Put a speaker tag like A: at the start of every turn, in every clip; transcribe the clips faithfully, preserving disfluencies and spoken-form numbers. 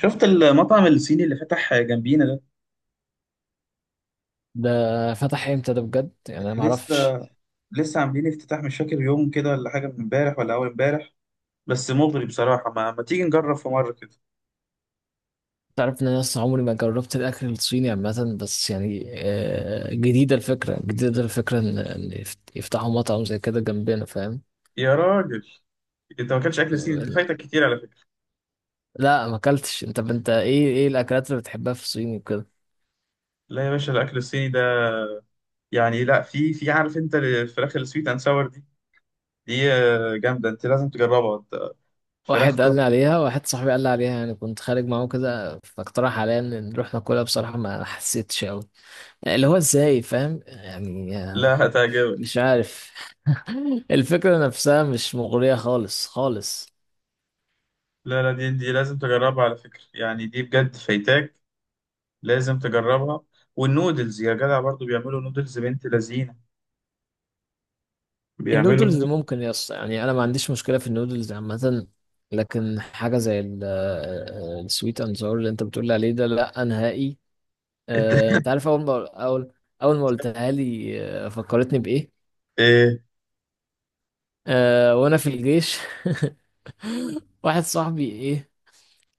A: شفت المطعم الصيني اللي فتح جنبينا ده.
B: ده فتح امتى ده بجد؟ يعني انا ما
A: لسه
B: اعرفش.
A: لسه عاملين افتتاح، مش فاكر يوم كده ولا حاجه، من امبارح ولا اول امبارح. بس مغري بصراحه. ما, ما تيجي نجرب في مره كده؟
B: تعرف ان انا لسه عمري ما جربت الاكل الصيني عامه، بس يعني آه، جديده الفكره، جديده الفكره ان إن يفت- يفتحوا مطعم زي كده جنبنا، فاهم؟
A: يا راجل، انت ما اكلتش اكل صيني، انت فايتك كتير على فكره.
B: لا ما اكلتش. انت انت ايه ايه الاكلات اللي بتحبها في الصين وكده؟
A: لا يا باشا، الاكل الصيني ده يعني لا. في في عارف انت الفراخ السويت اند ساور دي؟ دي آه، جامده، انت لازم تجربها انت.
B: واحد قال
A: فراخته
B: لي عليها، واحد صاحبي قال لي عليها، يعني كنت خارج معاه كده فاقترح عليا ان نروح ناكلها، بصراحه ما حسيتش قوي. اللي هو ازاي، فاهم؟ يعني آه،
A: لا هتعجبك.
B: مش عارف. الفكره نفسها مش مغريه خالص خالص.
A: لا لا، دي دي لازم تجربها على فكره، يعني دي بجد فايتاك، لازم تجربها. والنودلز يا جدع برضو، بيعملوا نودلز بنت لذينه. بيعملوا
B: النودلز
A: نوت.
B: ممكن يس يعني انا ما عنديش مشكله في النودلز عامه، لكن حاجه زي ال- آه، السويت اند ساور اللي انت بتقول عليه ده لا نهائي.
A: الت...
B: آه، انت عارف؟ اول ما اول اول ما قلتها لي آه، فكرتني بايه؟
A: ايه.
B: آه، وانا في الجيش واحد صاحبي ايه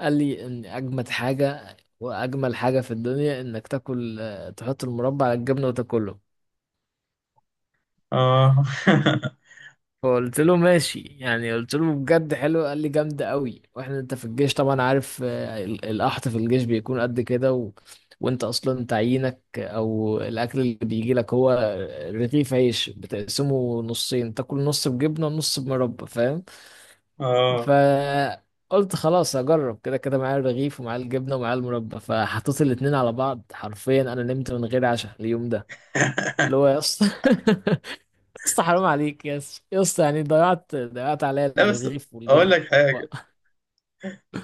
B: قال لي ان اجمد حاجه واجمل حاجه في الدنيا انك تاكل، آه، تحط المربى على الجبنه وتاكله.
A: اه.
B: فقلت له ماشي، يعني قلت له بجد حلو؟ قال لي جامدة قوي. واحنا انت في الجيش طبعا عارف، آه، ال- القحط في الجيش بيكون قد كده و... وانت اصلا تعيينك او الاكل اللي بيجي لك هو رغيف عيش، بتقسمه نصين، تاكل نص بجبنة ونص بمربى، فاهم؟
A: اه.
B: فقلت خلاص هجرب، كده كده معايا الرغيف ومعايا الجبنة ومعايا المربى. فحطيت الاتنين على بعض، حرفيا انا نمت من غير عشاء اليوم ده. اللي هو يا اسطى، اسطى حرام عليك يا اسطى يا اسطى، يعني ضيعت ضيعت عليا
A: لا بس
B: الرغيف
A: اقول
B: والجبن
A: لك
B: بقى.
A: حاجه،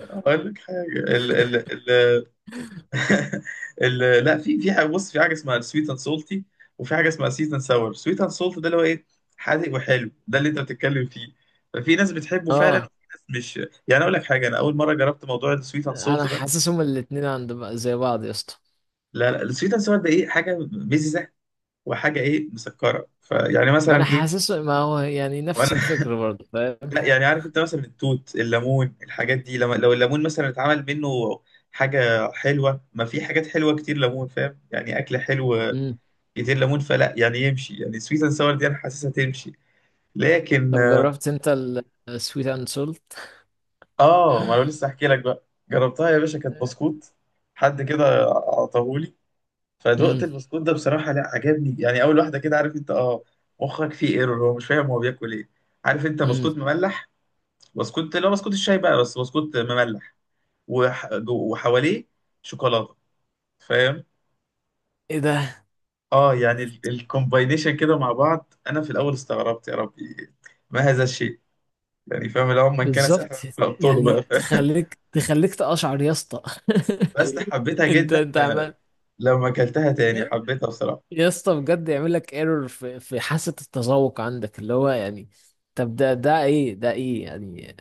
A: اقول لك حاجه. ال ال ال ال لا. في في حاجه، بص، في حاجه اسمها سويت اند سولتي، وفي حاجه اسمها سيت اند ساور. سويت اند سولت ده اللي هو ايه؟ حادق وحلو، ده اللي انت بتتكلم فيه. ففي ناس بتحبه فعلا وفي
B: اه
A: ناس مش. يعني اقول لك حاجه، انا اول مره جربت موضوع السويت اند
B: انا
A: سولت ده.
B: حاسسهم الاتنين عند بق- زي بعض يا اسطى.
A: لا لا، السويت اند ساور ده ايه، حاجه مززه وحاجه ايه، مسكره. فيعني
B: ما انا
A: مثلا ايه،
B: حاسس، ما هو يعني نفس
A: وانا
B: الفكر برضه، فاهم؟
A: لا يعني عارف انت مثلا التوت، الليمون، الحاجات دي. لما لو الليمون مثلا اتعمل منه حاجة حلوة، ما في حاجات حلوة كتير ليمون فاهم؟ يعني أكل حلو
B: امم،
A: كتير ليمون، فلا يعني يمشي. يعني سويت اند ساور دي أنا حاسسها تمشي لكن.
B: طب جربت انت السويت اند سولت؟
A: اه، ما انا لسه احكي لك بقى. جربتها يا باشا، كانت بسكوت، حد كده عطاهولي، فدقت
B: امم.
A: البسكوت ده بصراحة لا عجبني، يعني أول واحدة كده عارف انت. اه، مخك فيه ايرور، هو مش فاهم هو بياكل ايه. عارف انت،
B: امم.
A: بسكوت مملح، بسكوت لا، بسكوت الشاي بقى، بس بسكوت مملح، وح... جو- وحواليه شوكولاته، فاهم.
B: ايه ده؟
A: اه، يعني ال- الكومباينيشن كده مع بعض، انا في الاول استغربت، يا ربي ما هذا الشيء، يعني فاهم؟ لو من كان
B: بالظبط.
A: سحرا فابطاله بقى
B: يعني
A: فاهم.
B: تخليك تخليك تقشعر يا اسطى.
A: بس حبيتها
B: انت
A: جدا
B: انت
A: آه،
B: عمال.
A: لما اكلتها تاني حبيتها بصراحه.
B: يا اسطى بجد يعمل لك ايرور في في حاسة التذوق عندك، اللي هو يعني طب ده ده ايه ده؟ ايه يعني؟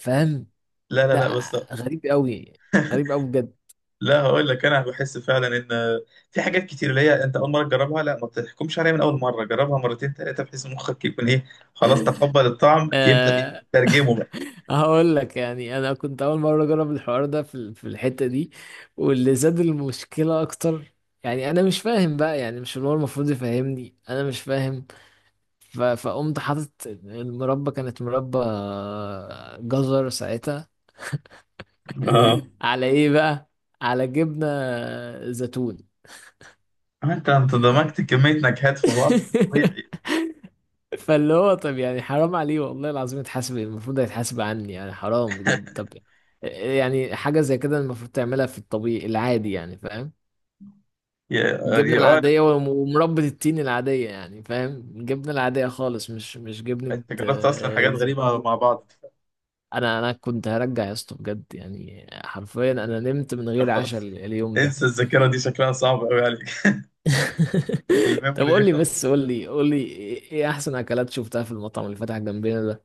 B: فاهم؟
A: لا لا لا
B: ده
A: بس.
B: غريب قوي، غريب قوي بجد.
A: لا هقول لك، انا بحس فعلا ان آه، في حاجات كتير اللي هي انت اول مره تجربها، لا ما تحكمش عليها من اول مره، جربها مرتين ثلاثه بحيث مخك يكون ايه، خلاص تقبل الطعم، يبدا
B: أه
A: يترجمه
B: هقول لك، يعني انا كنت اول مره اجرب الحوار ده في ال- في الحته دي، واللي زاد المشكله اكتر، يعني انا مش فاهم بقى، يعني مش اللي هو المفروض يفهمني انا مش فاهم. ف- فقمت حاطط المربى، كانت مربى جزر ساعتها،
A: بقى.
B: على ايه بقى؟ على جبنة زيتون.
A: انت انت دمجت كمية نكهات في بعض مش طبيعي.
B: فاللي هو طب يعني حرام عليه والله العظيم يتحاسب، المفروض هيتحاسب عني، يعني حرام بجد. طب يعني حاجة زي كده المفروض تعملها في الطبيعي العادي، يعني فاهم؟
A: يا
B: الجبنة
A: يا اه لا،
B: العادية وم- ومربى التين العادية، يعني فاهم؟ الجبنة العادية خالص، مش مش جبنة
A: انت جربت اصلا
B: آه،
A: حاجات غريبة مع
B: زيتون.
A: بعض.
B: انا انا كنت هرجع يا اسطى بجد، يعني حرفيا انا نمت من
A: طب
B: غير عشاء
A: خلاص،
B: ال- اليوم ده.
A: انسى الذاكرة دي، شكلها صعب قوي عليك.
B: طب
A: الميموري دي
B: قول لي
A: خلاص.
B: بس، قول لي قول لي ايه إيه احسن اكلات شفتها في المطعم اللي فتح جنبنا ده؟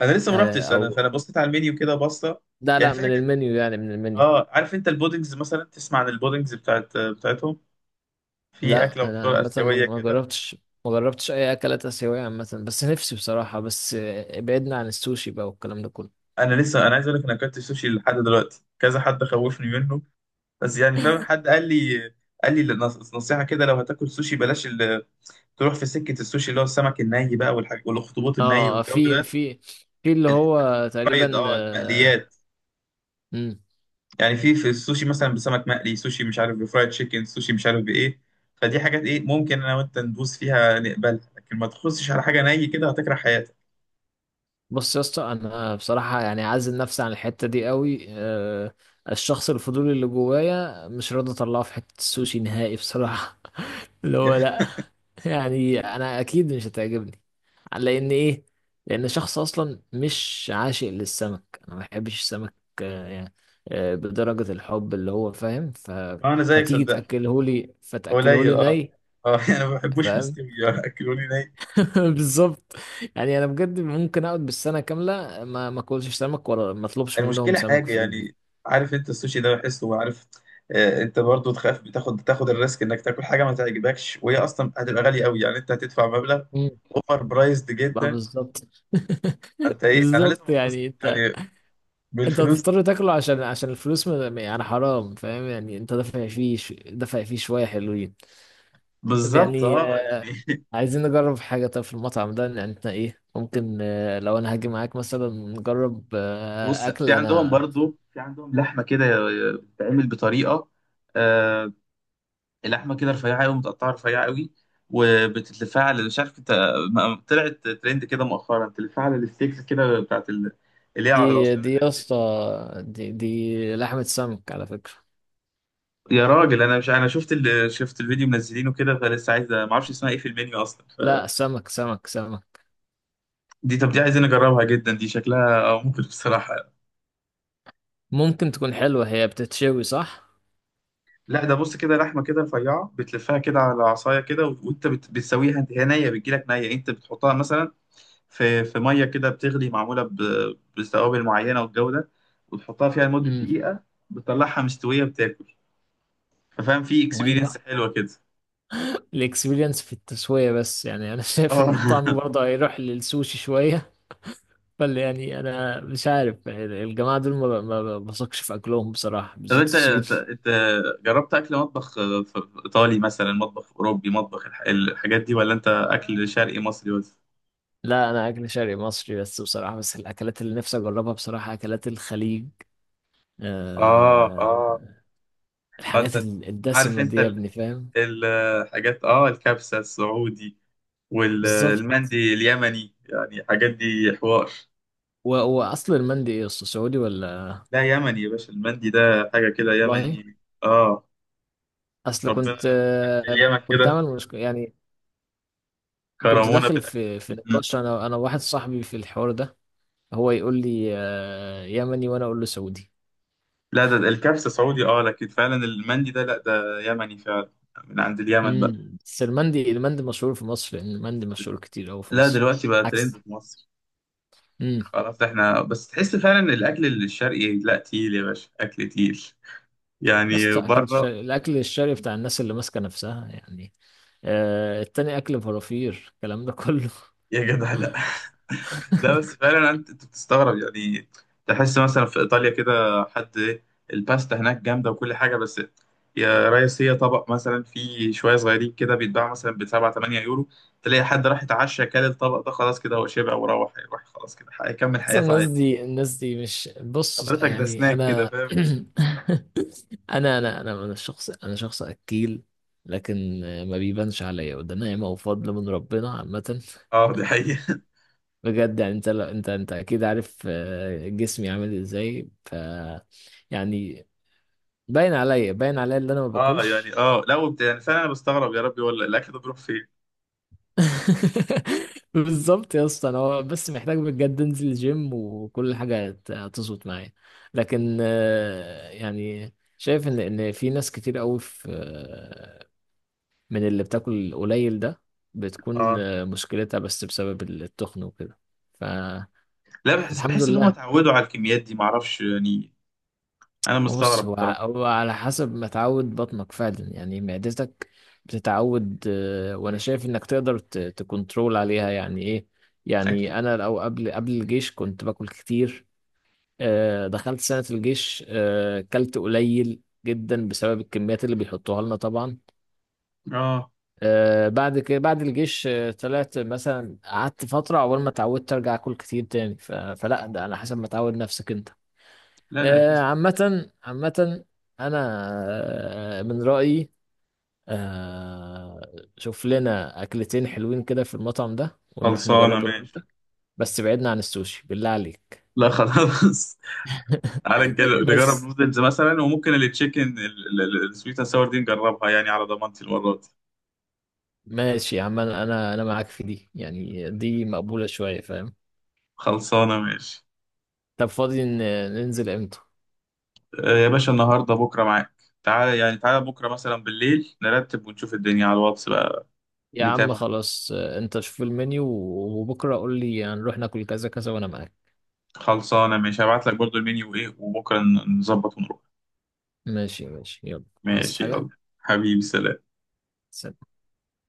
A: انا لسه ما
B: آه
A: رحتش، انا
B: او،
A: فانا بصيت على المنيو كده بصة.
B: لا
A: يعني
B: لا،
A: في
B: من
A: حاجة،
B: المنيو يعني، من المنيو.
A: اه، عارف انت البودنجز مثلا؟ تسمع عن البودنجز بتاعت بتاعتهم؟ في
B: لا
A: اكلة
B: انا
A: مشهورة
B: مثلا ما
A: اسيوية
B: ما
A: كده.
B: جربتش، ما جربتش اي اكلات اسيويه عامه، بس نفسي بصراحه، بس آه، بعدنا عن السوشي بقى والكلام ده كله.
A: انا لسه، انا عايز اقول لك، انا اكلت سوشي لحد دلوقتي كذا، حد خوفني منه. بس يعني فاهم، حد قال لي، قال لي نص- نصيحة كده: لو هتاكل سوشي بلاش تروح في سكه السوشي اللي هو السمك الني بقى والحاجات، والاخطبوط الني
B: اه
A: والجو
B: في
A: ده.
B: في في اللي
A: الحته
B: هو
A: الفرايد،
B: تقريبا
A: اه،
B: آه
A: المقليات.
B: مم.
A: يعني في في السوشي مثلا بسمك مقلي سوشي، مش عارف، بفرايد تشيكن سوشي، مش عارف بايه. فدي حاجات ايه، ممكن انا وانت ندوس فيها نقبلها، لكن ما تخصش على حاجه ني كده هتكره حياتك.
B: بص يا اسطى انا بصراحه يعني عازل نفسي عن الحته دي قوي آه. الشخص الفضولي اللي جوايا مش راضي اطلعه في حته السوشي نهائي بصراحه. اللي هو لا. يعني انا اكيد مش هتعجبني، لان ايه؟ لان شخص اصلا مش عاشق للسمك، انا ما بحبش السمك آه، يعني آه، بدرجة الحب، اللي هو فاهم ف...
A: انا زيك
B: فتيجي
A: صدقني.
B: تاكله لي، فتاكله
A: قليل
B: لي
A: اه.
B: ني،
A: اه. يعني ما بحبوش
B: فاهم؟
A: مستوي، آه، اكلوني ني.
B: بالظبط. يعني انا بجد ممكن اقعد بالسنة كاملة ما ما اكلش سمك ولا ما اطلبش منهم
A: المشكلة
B: سمك
A: حاجة
B: في
A: يعني،
B: البيت.
A: عارف انت السوشي ده بحسه وعارف، آه، انت برضو تخاف، بتاخد تاخد الريسك انك تاكل حاجة ما تعجبكش، وهي اصلا هتبقى غالية قوي، يعني انت هتدفع مبلغ
B: مم.
A: اوفر برايزد
B: بقى
A: جدا.
B: بالظبط.
A: انت ايه، انا لازم
B: بالظبط
A: انبسط
B: يعني انت،
A: يعني
B: انت
A: بالفلوس دي.
B: هتضطر تاكله عشان عشان الفلوس م- يعني حرام، فاهم؟ يعني انت دافع فيه ش- دافع فيه شوية حلوين. طب
A: بالظبط
B: يعني
A: اه
B: آه،
A: يعني.
B: عايزين نجرب حاجة. طب في المطعم ده يعني احنا ايه ممكن، آه، لو انا هاجي معاك مثلا نجرب آه،
A: بص، في
B: اكل
A: عندهم
B: انا
A: برضو، في عندهم لحمه كده بتتعمل بطريقه، اللحمه كده رفيعه قوي، متقطعه رفيعه قوي، وبتتلفها على، مش عارف انت، م- طلعت ترند كده مؤخرا، تلفها على الستيكس كده بتاعت ال... اللي هي
B: دي
A: العصيان
B: دي يا
A: الاكل
B: اسطى،
A: دي.
B: دي دي لحمة سمك على فكرة.
A: يا راجل، انا مش، انا شفت ال... شفت الفيديو منزلينه كده، فلسه عايز، ما اعرفش اسمها ايه في المنيو اصلا.
B: لا سمك، سمك سمك.
A: دي، طب دي عايزين نجربها جدا، دي شكلها آه، ممكن بصراحه.
B: ممكن تكون حلوة، هي بتتشوي صح؟
A: لا ده بص كده، لحمه كده رفيعه، بتلفها كده على عصايه كده، وانت بت... بتسويها انت. هي نيه، بتجيلك نيه، انت بتحطها مثلا في في ميه كده بتغلي، معموله ب- بتوابل معينه والجو ده، وتحطها فيها لمده
B: امم.
A: دقيقه، بتطلعها مستويه، بتاكل. ففاهم، في
B: مية.
A: اكسبيرينس حلوه كده.
B: الاكسبيرينس في التسوية بس، يعني انا شايف
A: اه.
B: ان الطعم برضه هيروح للسوشي شوية. بل يعني انا مش عارف يعني الجماعه دول ما ب- ما بثقش في اكلهم بصراحه،
A: طب
B: بالذات
A: انت، انت
B: الصيف.
A: أنت جربت اكل مطبخ، في في ايطالي مثلا، مطبخ اوروبي، مطبخ الح- الحاجات دي، ولا انت اكل شرقي مصري بس؟
B: لا انا اكل شرقي مصري بس بصراحه، بس الاكلات اللي نفسي اجربها بصراحه اكلات الخليج،
A: اه اه.
B: أه. الحاجات
A: فانت
B: ال-
A: عارف
B: الدسمه
A: انت
B: دي يا
A: ال-
B: ابني، فاهم؟
A: الحاجات اه، الكبسه السعودي
B: بالظبط.
A: والمندي اليمني، يعني الحاجات دي حوار.
B: و- واصل المندي ايه؟ اصل سعودي ولا؟
A: لا يمني يا باشا، المندي ده حاجة كده
B: والله
A: يمني اه،
B: اصل
A: ربنا.
B: كنت،
A: أهل
B: آه،
A: اليمن
B: كنت
A: كده
B: عامل مشكله يعني. كنت
A: كرمونا
B: داخل
A: بالأكل.
B: في في
A: مم.
B: نقاش انا انا واحد صاحبي في الحوار ده، هو يقول لي آه، يمني وانا اقول له سعودي.
A: لا ده ده الكبسة سعودي اه، لكن فعلا المندي ده لا، ده يمني فعلا، من عند اليمن بقى.
B: امم، بس المندي، المندي مشهور في مصر، لان المندي مشهور كتير قوي في
A: لا
B: مصر.
A: دلوقتي بقى ترند
B: عكس.
A: في مصر.
B: امم.
A: خلاص احنا بس، تحس فعلا الأكل الشرقي لا، تقيل يا باشا، أكل تقيل.
B: يا
A: يعني
B: اسطى اكل
A: بره،
B: الشرق، الاكل الشرقي بتاع الناس اللي ماسكه نفسها يعني، آه التاني اكل فرافير الكلام ده كله.
A: يا جدع لا. لا بس فعلا انت، أنت بتستغرب يعني، تحس مثلا في ايطاليا كده، حد إيه، الباستا هناك جامده وكل حاجه بس، يا ريس هي طبق مثلا فيه شويه صغيرين كده، بيتباع مثلا ب سبعة تمنية يورو، تلاقي حد راح يتعشى كل الطبق ده، خلاص كده هو شبع وروح، هيروح خلاص كده هيكمل
B: بس
A: حياته
B: الناس
A: عادي.
B: دي، الناس دي مش، بص
A: حضرتك ده
B: يعني
A: سناك كده
B: انا
A: فاهم.
B: انا انا انا انا شخص انا شخص اكيل، لكن آه، ما بيبانش عليا، وده نعمه وفضل من ربنا عامه.
A: اه دي حقيقه.
B: بجد يعني انت انت انت اكيد عارف آه، جسمي عامل ازاي ف يعني باين عليا، باين عليا اللي انا ما
A: اه
B: باكلش.
A: يعني اه لا، وبت... يعني فعلا انا بستغرب، يا ربي ولا الاكل ده بيروح فين.
B: بالظبط يا اسطى، انا هو بس محتاج بجد انزل الجيم وكل حاجه هت- هتظبط معايا، لكن آه، يعني شايف ان ان في ناس كتير قوي في آه، من اللي بتاكل قليل ده بتكون
A: اه،
B: آه، مشكلتها بس بسبب التخن وكده، فالحمد
A: لا بحس، بحس ان هم
B: لله.
A: اتعودوا على الكميات دي، معرفش يعني. انا
B: بص
A: مستغرب
B: هو ع-
A: بصراحة.
B: هو على حسب ما تعود بطنك فعلا، يعني معدتك بتتعود آه، وانا شايف انك تقدر ت- تكنترول عليها، يعني ايه؟
A: اكيد.
B: يعني انا لو قبل قبل الجيش كنت باكل كتير، آه، دخلت سنة الجيش آه، كلت قليل جدا بسبب الكميات اللي بيحطوها لنا طبعا،
A: اه.
B: آه، بعد كده بعد الجيش آه، طلعت مثلا قعدت فترة عقبال ما اتعودت ارجع اكل كتير تاني. ف- فلا، ده على حسب ما تعود نفسك انت
A: لا لا
B: آه،
A: اكيد.
B: عامة عامة. أنا آه، من رأيي آه، شوف لنا أكلتين حلوين كده في المطعم ده ونروح
A: خلصانه
B: نجربه أنا
A: ماشي.
B: وأنت، بس بعدنا عن السوشي بالله عليك،
A: لا خلاص. تعالى نجل- نجرب
B: بس.
A: نودلز مثلا، وممكن التشيكن السويت اند ساور دي نجربها، يعني على ضمانتي المره دي.
B: ماشي يا عم، أنا أنا أنا معاك في دي، يعني دي مقبولة شوية، فاهم؟
A: خلصانه ماشي.
B: طب فاضي ن- ننزل إمتى؟
A: آه، يا باشا النهارده بكره معاك، تعالى يعني، تعالى بكره مثلا بالليل، نرتب ونشوف الدنيا على الواتس بقى.
B: يا عم
A: نتابع.
B: خلاص، آه، أنت شوف المنيو وبكرة قول لي هنروح ناكل كذا كذا وأنا معاك.
A: خلصانه ماشي، هبعت لك برضو المنيو ايه، وبكره ن- نظبط ونروح.
B: ماشي ماشي، يلا. عايز
A: ماشي
B: حاجة؟
A: يلا. حبيبي سلام.
B: سلام.